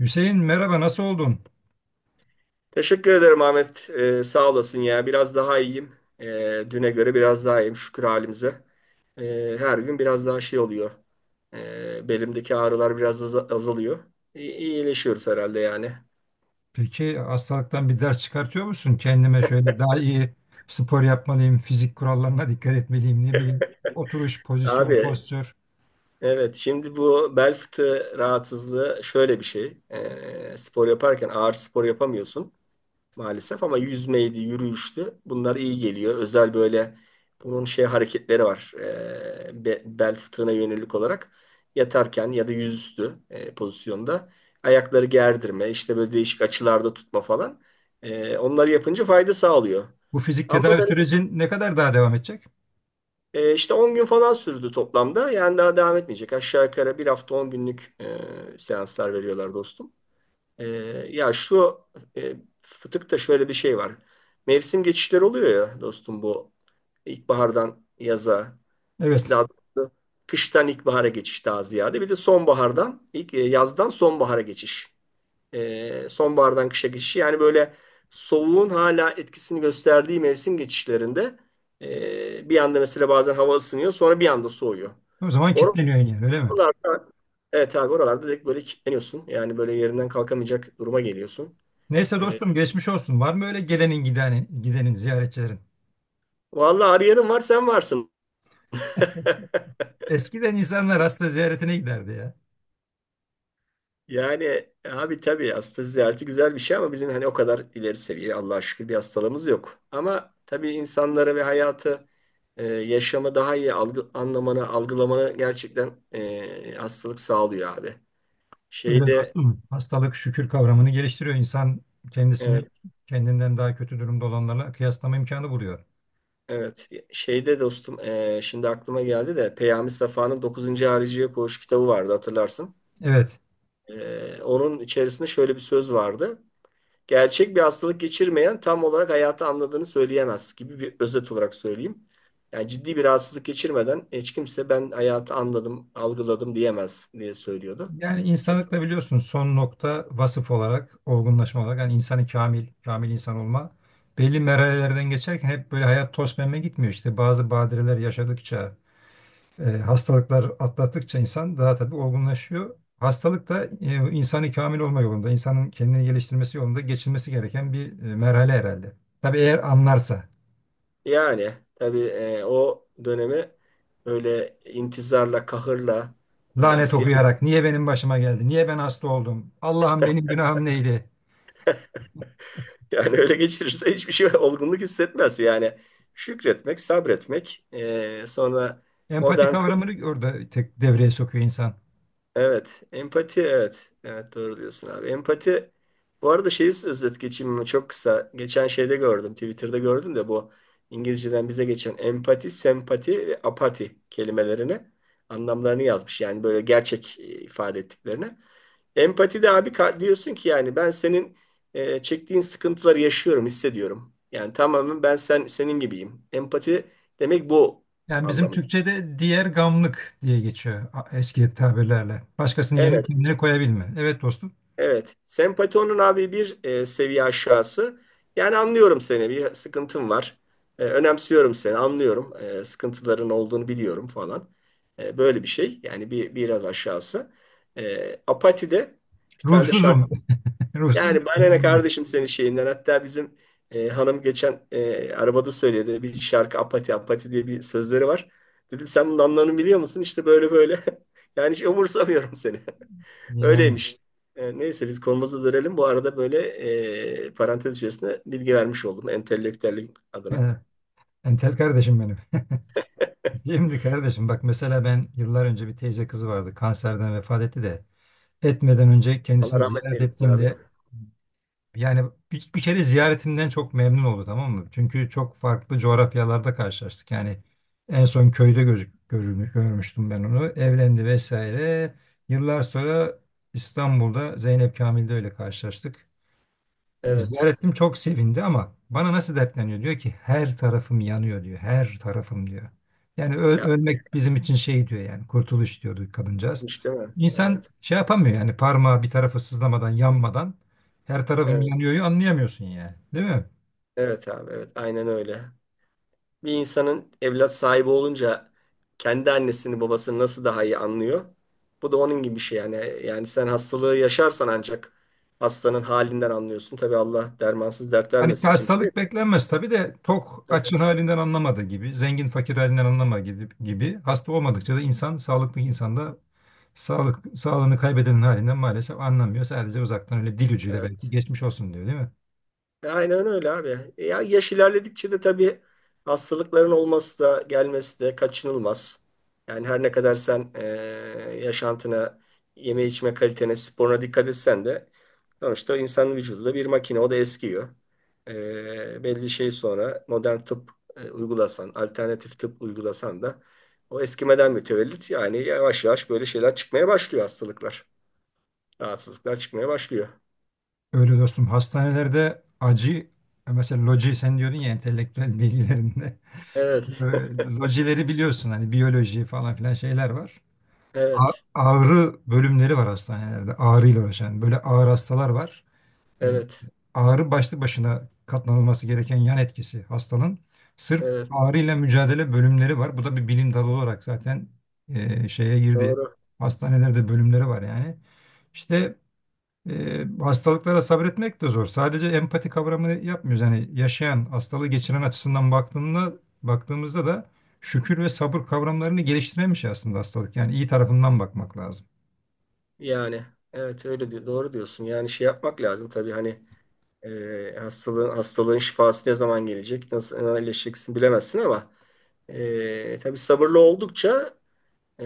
Hüseyin merhaba nasıl oldun? Teşekkür ederim Ahmet. Sağ olasın ya. Biraz daha iyiyim. Düne göre biraz daha iyiyim, şükür halimize. Her gün biraz daha şey oluyor. Belimdeki ağrılar biraz azalıyor. İyileşiyoruz herhalde yani. Peki hastalıktan bir ders çıkartıyor musun? Kendime şöyle daha iyi spor yapmalıyım, fizik kurallarına dikkat etmeliyim, ne bileyim oturuş, pozisyon, Abi, postür. evet, şimdi bu bel fıtığı rahatsızlığı şöyle bir şey. Spor yaparken ağır spor yapamıyorsun maalesef, ama yüzmeydi, yürüyüştü. Bunlar iyi geliyor. Özel böyle bunun şey hareketleri var. Bel fıtığına yönelik olarak yatarken ya da yüzüstü pozisyonda ayakları gerdirme, işte böyle değişik açılarda tutma falan. Onları yapınca fayda sağlıyor. Bu fizik Ama tedavi ben sürecin ne kadar daha devam edecek? İşte 10 gün falan sürdü toplamda. Yani daha devam etmeyecek. Aşağı yukarı bir hafta 10 günlük seanslar veriyorlar dostum. Ee, ya şu e, fıtıkta şöyle bir şey var. Mevsim geçişleri oluyor ya dostum, bu ilkbahardan yaza, işte Evet. daha doğrusu kıştan ilkbahara geçiş daha ziyade, bir de sonbahardan yazdan sonbahara geçiş. Sonbahardan kışa geçiş, yani böyle soğuğun hala etkisini gösterdiği mevsim geçişlerinde, bir anda mesela bazen hava ısınıyor, sonra bir anda soğuyor. O zaman kilitleniyorsun yani öyle mi? Oralarda, evet abi, oralarda direkt böyle kilitleniyorsun. Yani böyle yerinden kalkamayacak duruma geliyorsun. Neyse Ee, dostum geçmiş olsun. Var mı öyle gelenin gidenin ziyaretçilerin? vallahi arayanın var, sen varsın. Eskiden insanlar hasta ziyaretine giderdi ya. Yani abi, tabii hasta ziyareti güzel bir şey ama bizim hani o kadar ileri seviye, Allah'a şükür, bir hastalığımız yok. Ama tabii insanları ve hayatı, yaşamı daha iyi anlamanı, algılamanı gerçekten hastalık sağlıyor abi. Öyle Şeyde, dostum. Hastalık şükür kavramını geliştiriyor. İnsan kendisini evet. kendinden daha kötü durumda olanlarla kıyaslama imkanı buluyor. Evet. Şeyde dostum, şimdi aklıma geldi de, Peyami Safa'nın Dokuzuncu Hariciye Koğuş kitabı vardı, hatırlarsın. Evet. Onun içerisinde şöyle bir söz vardı. Gerçek bir hastalık geçirmeyen tam olarak hayatı anladığını söyleyemez, gibi bir özet olarak söyleyeyim. Yani ciddi bir rahatsızlık geçirmeden hiç kimse ben hayatı anladım, algıladım diyemez diye söylüyordu. Yani insanlıkla biliyorsunuz son nokta vasıf olarak, olgunlaşma olarak yani insanı kamil, kamil insan olma belli merhalelerden geçerken hep böyle hayat toz pembe gitmiyor. İşte bazı badireler yaşadıkça, hastalıklar atlattıkça insan daha tabii olgunlaşıyor. Hastalık da insanı kamil olma yolunda, insanın kendini geliştirmesi yolunda geçilmesi gereken bir merhale herhalde. Tabii eğer anlarsa, Yani tabii o dönemi böyle intizarla, kahırla, lanet isyan okuyarak niye benim başıma geldi, niye ben hasta oldum, Allah'ım benim günahım neydi? yani öyle geçirirse hiçbir şey olgunluk hissetmez. Yani şükretmek, sabretmek. Sonra Empati modern, kavramını orada tek devreye sokuyor insan. evet, empati, evet. Evet, doğru diyorsun abi. Empati, bu arada şeyi özet geçeyim mi? Çok kısa. Geçen şeyde gördüm. Twitter'da gördüm de bu İngilizceden bize geçen empati, sempati ve apati kelimelerini anlamlarını yazmış. Yani böyle gerçek ifade ettiklerini. Empati de abi, diyorsun ki yani ben senin çektiğin sıkıntıları yaşıyorum, hissediyorum. Yani tamamen ben senin gibiyim. Empati demek bu Yani bizim anlamı. Türkçe'de diğer gamlık diye geçiyor eski tabirlerle. Başkasının yerine Evet, kendini koyabilme. Evet dostum. evet. Sempati onun abi bir seviye aşağısı. Yani anlıyorum seni, bir sıkıntın var. Önemsiyorum seni, anlıyorum. Sıkıntıların olduğunu biliyorum falan. Böyle bir şey. Yani biraz aşağısı. Apati de bir tane de şarkı. Ruhsuzum. Ruhsuz. Yani bana ne kardeşim senin şeyinden. Hatta bizim hanım geçen arabada söyledi. Bir şarkı, Apati Apati diye bir sözleri var. Dedim, sen bunun anlamını biliyor musun? İşte böyle böyle. Yani hiç umursamıyorum seni. Yani. Öyleymiş. Neyse biz konumuza dönelim. Bu arada böyle parantez içerisinde bilgi vermiş oldum. Entelektüellik adına. Evet. Entel kardeşim benim. Şimdi kardeşim bak mesela ben yıllar önce bir teyze kızı vardı. Kanserden vefat etti de. Etmeden önce Allah kendisini rahmet ziyaret eylesin abi. ettiğimde yani bir kere ziyaretimden çok memnun oldu, tamam mı? Çünkü çok farklı coğrafyalarda karşılaştık. Yani en son köyde görmüştüm ben onu. Evlendi vesaire. Yıllar sonra İstanbul'da Zeynep Kamil'de öyle karşılaştık. Evet. Ziyaretim çok sevindi ama bana nasıl dertleniyor? Diyor ki her tarafım yanıyor diyor. Her tarafım diyor. Yani Yapma ya. ölmek bizim için şey diyor yani kurtuluş diyordu kadıncağız. Hiç değil mi? İnsan Evet. şey yapamıyor yani parmağı bir tarafı sızlamadan yanmadan her tarafım Evet. yanıyor'yu anlayamıyorsun yani. Değil mi? Evet abi. Evet. Aynen öyle. Bir insanın evlat sahibi olunca, kendi annesini babasını nasıl daha iyi anlıyor? Bu da onun gibi bir şey yani. Yani sen hastalığı yaşarsan ancak hastanın halinden anlıyorsun. Tabii Allah dermansız dert Hani vermesin kimseye. hastalık beklenmez tabii de tok açın Evet, halinden anlamadığı gibi, zengin fakir halinden anlama gibi, gibi hasta olmadıkça da insan sağlıklı insanda sağlığını kaybedenin halinden maalesef anlamıyor. Sadece uzaktan öyle dil ucuyla belki evet. geçmiş olsun diyor, değil mi? Aynen öyle abi. Ya yaş ilerledikçe de tabii hastalıkların olması da gelmesi de kaçınılmaz. Yani her ne kadar sen yaşantına, yeme içme kalitene, sporuna dikkat etsen de, sonuçta insanın vücudu da bir makine, o da eskiyor. Belli şey, sonra modern tıp uygulasan, alternatif tıp uygulasan da o eskimeden mütevellit yani yavaş yavaş böyle şeyler çıkmaya başlıyor, hastalıklar, rahatsızlıklar çıkmaya başlıyor. Öyle dostum hastanelerde acı mesela loji sen diyordun ya entelektüel bilgilerinde. Ee, Evet, Lojileri biliyorsun hani biyoloji falan filan şeyler var. Evet, Ağrı bölümleri var hastanelerde, ağrıyla uğraşan böyle ağır hastalar var. E, evet. Ağrı başlı başına katlanılması gereken yan etkisi hastanın. Sırf Evet. ağrıyla mücadele bölümleri var. Bu da bir bilim dalı olarak zaten şeye girdi. Doğru. Hastanelerde bölümleri var yani. İşte hastalıklara sabretmek de zor. Sadece empati kavramını yapmıyoruz. Yani yaşayan, hastalığı geçiren açısından baktığımızda da şükür ve sabır kavramlarını geliştiremiş aslında hastalık. Yani iyi tarafından bakmak lazım. Yani evet, öyle diyor. Doğru diyorsun. Yani şey yapmak lazım tabii, hani hastalığın şifası ne zaman gelecek, nasıl iyileşeceksin bilemezsin ama tabii sabırlı oldukça e,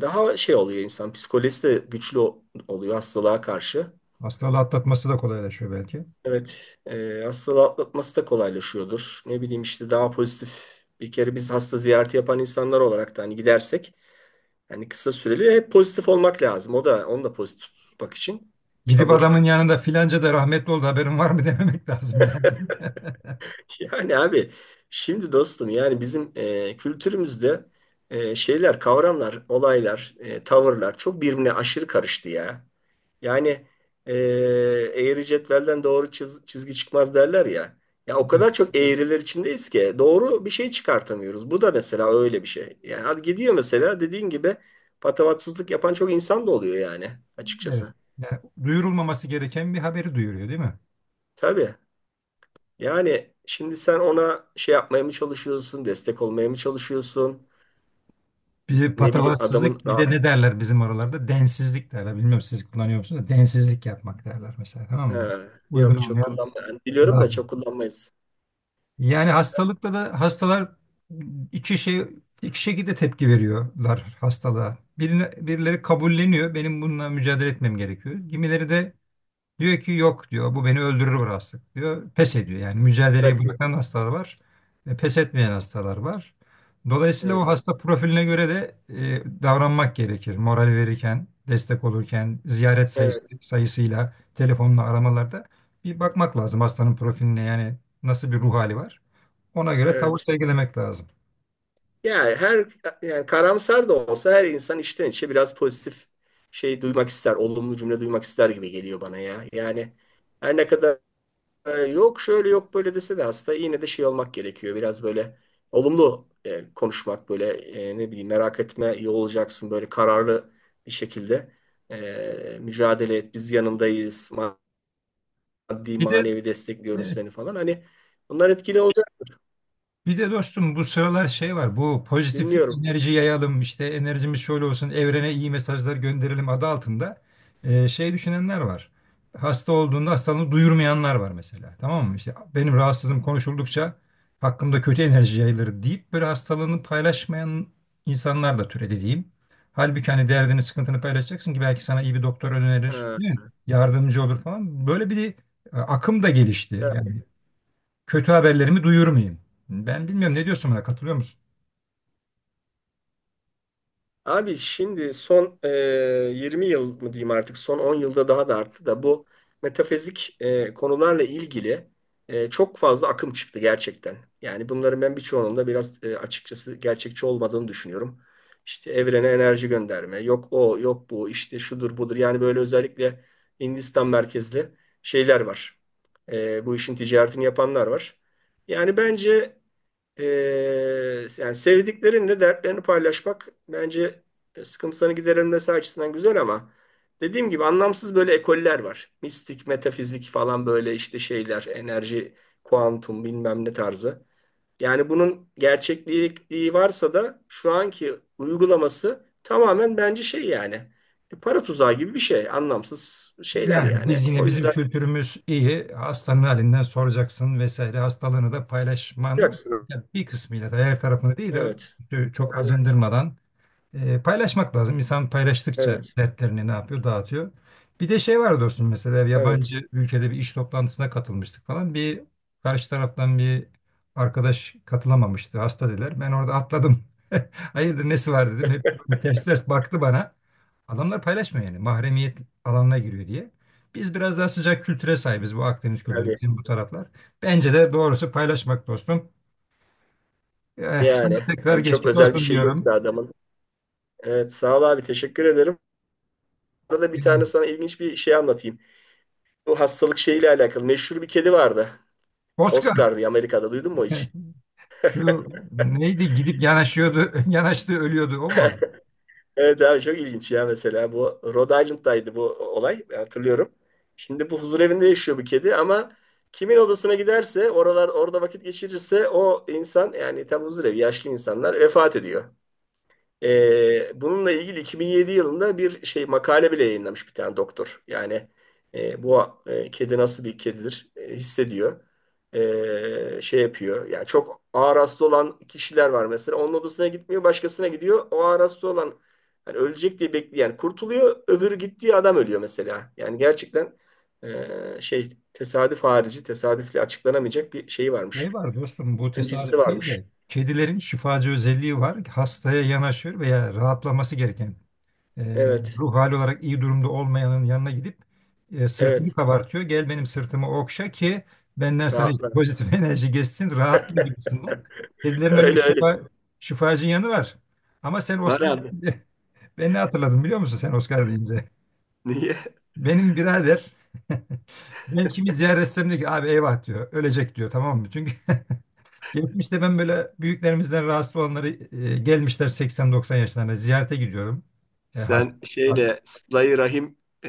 daha şey oluyor insan. Psikolojisi de güçlü oluyor hastalığa karşı. Hastalığı atlatması da kolaylaşıyor belki. Evet, hastalığı atlatması da kolaylaşıyordur. Ne bileyim işte, daha pozitif. Bir kere biz hasta ziyareti yapan insanlar olarak da, hani gidersek, hani kısa süreli, hep pozitif olmak lazım. O da onu da pozitif tutmak için Gidip sabır. adamın yanında filanca da rahmetli oldu haberin var mı dememek lazım yani. Yani abi, şimdi dostum, yani bizim kültürümüzde şeyler, kavramlar, olaylar, tavırlar çok birbirine aşırı karıştı ya. Yani e, eğri cetvelden doğru çizgi çıkmaz derler ya. Ya o Evet. kadar çok eğriler içindeyiz ki doğru bir şey çıkartamıyoruz. Bu da mesela öyle bir şey. Yani hadi gidiyor mesela, dediğin gibi, patavatsızlık yapan çok insan da oluyor yani, Evet. açıkçası. Yani duyurulmaması gereken bir haberi duyuruyor, değil mi? Tabii. Yani şimdi sen ona şey yapmaya mı çalışıyorsun, destek olmaya mı çalışıyorsun? Bir de Ne bileyim, adamın patavatsızlık bir de ne rahat. derler bizim oralarda? Densizlik derler. Bilmiyorum siz kullanıyor musunuz da densizlik yapmak derler mesela, tamam mı yani? Ha, Uygun yok, çok olmayan kullanma. Yani biliyorum da laf mı? çok kullanmayız. Yani İster. hastalıkla da hastalar iki şey iki şekilde tepki veriyorlar hastalığa. Birileri kabulleniyor. Benim bununla mücadele etmem gerekiyor. Kimileri de diyor ki yok diyor bu beni öldürür bu hastalık diyor. Pes ediyor yani, mücadeleyi Bırakıyor. bırakan hastalar var. Pes etmeyen hastalar var. Dolayısıyla o Evet. hasta profiline göre de davranmak gerekir. Moral verirken, destek olurken, Evet. Sayısıyla, telefonla aramalarda bir bakmak lazım hastanın profiline, yani nasıl bir ruh hali var. Ona göre tavır Evet. sergilemek lazım. Yani her yani karamsar da olsa her insan içten içe biraz pozitif şey duymak ister. Olumlu cümle duymak ister gibi geliyor bana ya. Yani her ne kadar yok şöyle yok böyle dese de, hasta yine de şey olmak gerekiyor. Biraz böyle olumlu konuşmak, böyle ne bileyim, merak etme iyi olacaksın, böyle kararlı bir şekilde. Mücadele et, biz yanındayız, maddi Bir de manevi destekliyoruz E, seni falan. Hani bunlar etkili olacaktır. Bir de dostum bu sıralar şey var. Bu pozitif Dinliyorum. enerji yayalım işte enerjimiz şöyle olsun evrene iyi mesajlar gönderelim adı altında şey düşünenler var. Hasta olduğunda hastalığını duyurmayanlar var mesela. Tamam mı? İşte benim rahatsızlığım konuşuldukça hakkımda kötü enerji yayılır deyip böyle hastalığını paylaşmayan insanlar da türedi diyeyim. Halbuki hani derdini, sıkıntını paylaşacaksın ki belki sana iyi bir doktor önerir, Ha, değil mi? Yardımcı olur falan. Böyle bir akım da gelişti. sen- Yani kötü haberlerimi duyurur muyum? Ben bilmiyorum, ne diyorsun, buna katılıyor musun? Abi, şimdi son 20 yıl mı diyeyim, artık son 10 yılda daha da arttı da bu metafizik konularla ilgili çok fazla akım çıktı gerçekten. Yani bunların, ben birçoğunun da biraz açıkçası gerçekçi olmadığını düşünüyorum. İşte evrene enerji gönderme, yok o, yok bu, işte şudur budur. Yani böyle özellikle Hindistan merkezli şeyler var. Bu işin ticaretini yapanlar var. Yani bence, ee, yani sevdiklerinle dertlerini paylaşmak bence sıkıntılarını giderilmesi açısından güzel, ama dediğim gibi anlamsız böyle ekoller var. Mistik, metafizik falan, böyle işte şeyler, enerji, kuantum bilmem ne tarzı. Yani bunun gerçekliği varsa da, şu anki uygulaması tamamen bence şey yani para tuzağı gibi bir şey. Anlamsız şeyler Yani yani. biz yine O bizim yüzden kültürümüz iyi. Hastanın halinden soracaksın vesaire. Hastalığını da paylaşman yapacaksın. ya bir kısmıyla da her tarafını değil de Evet. çok Yani acındırmadan paylaşmak lazım. İnsan paylaştıkça evet. dertlerini ne yapıyor? Dağıtıyor. Bir de şey var dostum, mesela Evet. yabancı ülkede bir iş toplantısına katılmıştık falan. Bir karşı taraftan bir arkadaş katılamamıştı. Hasta dediler. Ben orada atladım. Hayırdır nesi var dedim. Hep böyle ters ters baktı bana. Adamlar paylaşmıyor yani. Mahremiyet alanına giriyor diye. Biz biraz daha sıcak kültüre sahibiz. Bu Akdeniz kültürü Tabii. bizim bu taraflar. Bence de doğrusu paylaşmak dostum. Eh, sana Yani tekrar hani çok geçmiş özel bir olsun şey diyorum. yoksa adamın. Evet, sağ ol abi, teşekkür ederim. Arada bir Yani, tane sana ilginç bir şey anlatayım. Bu hastalık şeyiyle alakalı meşhur bir kedi vardı. Oscar. Oscar diye, Amerika'da duydun mu hiç? Şu neydi gidip yanaşıyordu, yanaştı ölüyordu o mu? Evet abi, çok ilginç ya, mesela bu Rhode Island'daydı bu olay, ben hatırlıyorum. Şimdi bu huzur evinde yaşıyor bu kedi, ama kimin odasına giderse, orada vakit geçirirse, o insan, yani tam huzur evi, yaşlı insanlar vefat ediyor. Bununla ilgili 2007 yılında bir şey makale bile yayınlamış bir tane doktor. Yani bu kedi nasıl bir kedidir, hissediyor. Şey yapıyor. Yani çok ağır hasta olan kişiler var mesela. Onun odasına gitmiyor, başkasına gidiyor. O ağır hasta olan, hani ölecek diye bekleyen kurtuluyor. Öbürü, gittiği adam ölüyor mesela. Yani gerçekten şey, tesadüf harici, tesadüfle açıklanamayacak bir şeyi Şey varmış. var dostum, bu Sıncısı tesadüf değil varmış. de kedilerin şifacı özelliği var. Hastaya yanaşır veya rahatlaması gereken e, Evet. ruh hali olarak iyi durumda olmayanın yanına gidip sırtını Evet. kabartıyor. Gel benim sırtımı okşa ki benden sana işte Rahatla. pozitif enerji geçsin rahatla gibisinden. Kedilerin öyle bir Öyle öyle. Şifacı yanı var. Ama sen Var Oscar abi. ben ne hatırladım biliyor musun sen Oscar deyince? Niye? Benim birader ben kimi ziyaret etsem diyor ki abi eyvah diyor. Ölecek diyor, tamam mı? Çünkü geçmişte ben böyle büyüklerimizden rahatsız olanları gelmişler 80-90 yaşlarında ziyarete gidiyorum. E, hasta. Sen şeyle, Sıla-i Rahim e,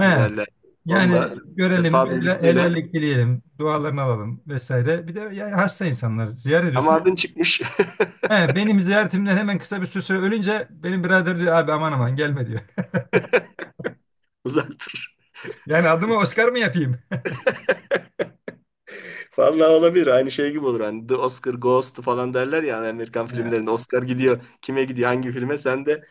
mi derler? Yani Onunla, görelim, vefa duygusuyla. helallik dileyelim, dualarını alalım vesaire. Bir de yani hasta insanlar ziyaret Ama ediyorsun. adın çıkmış. He, benim ziyaretimden hemen kısa bir süre sonra ölünce benim birader diyor abi aman aman gelme diyor. Uzaktır. Yani adımı Oscar mı yapayım? Vallahi olabilir. Aynı şey gibi olur. Hani The Oscar Goes to falan derler ya, hani Amerikan He. filmlerinde. Oscar gidiyor. Kime gidiyor? Hangi filme? Sen de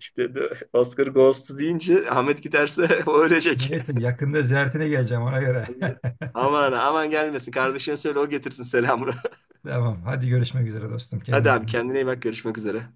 işte The Oscar Goes to deyince, Ahmet giderse o ölecek. Neyse yakında ziyaretine geleceğim ona göre. Aman aman gelmesin. Kardeşine söyle, o getirsin selamını. Devam. Hadi görüşmek üzere dostum. Kendine Hadi abi, iyi bak. kendine iyi bak. Görüşmek üzere.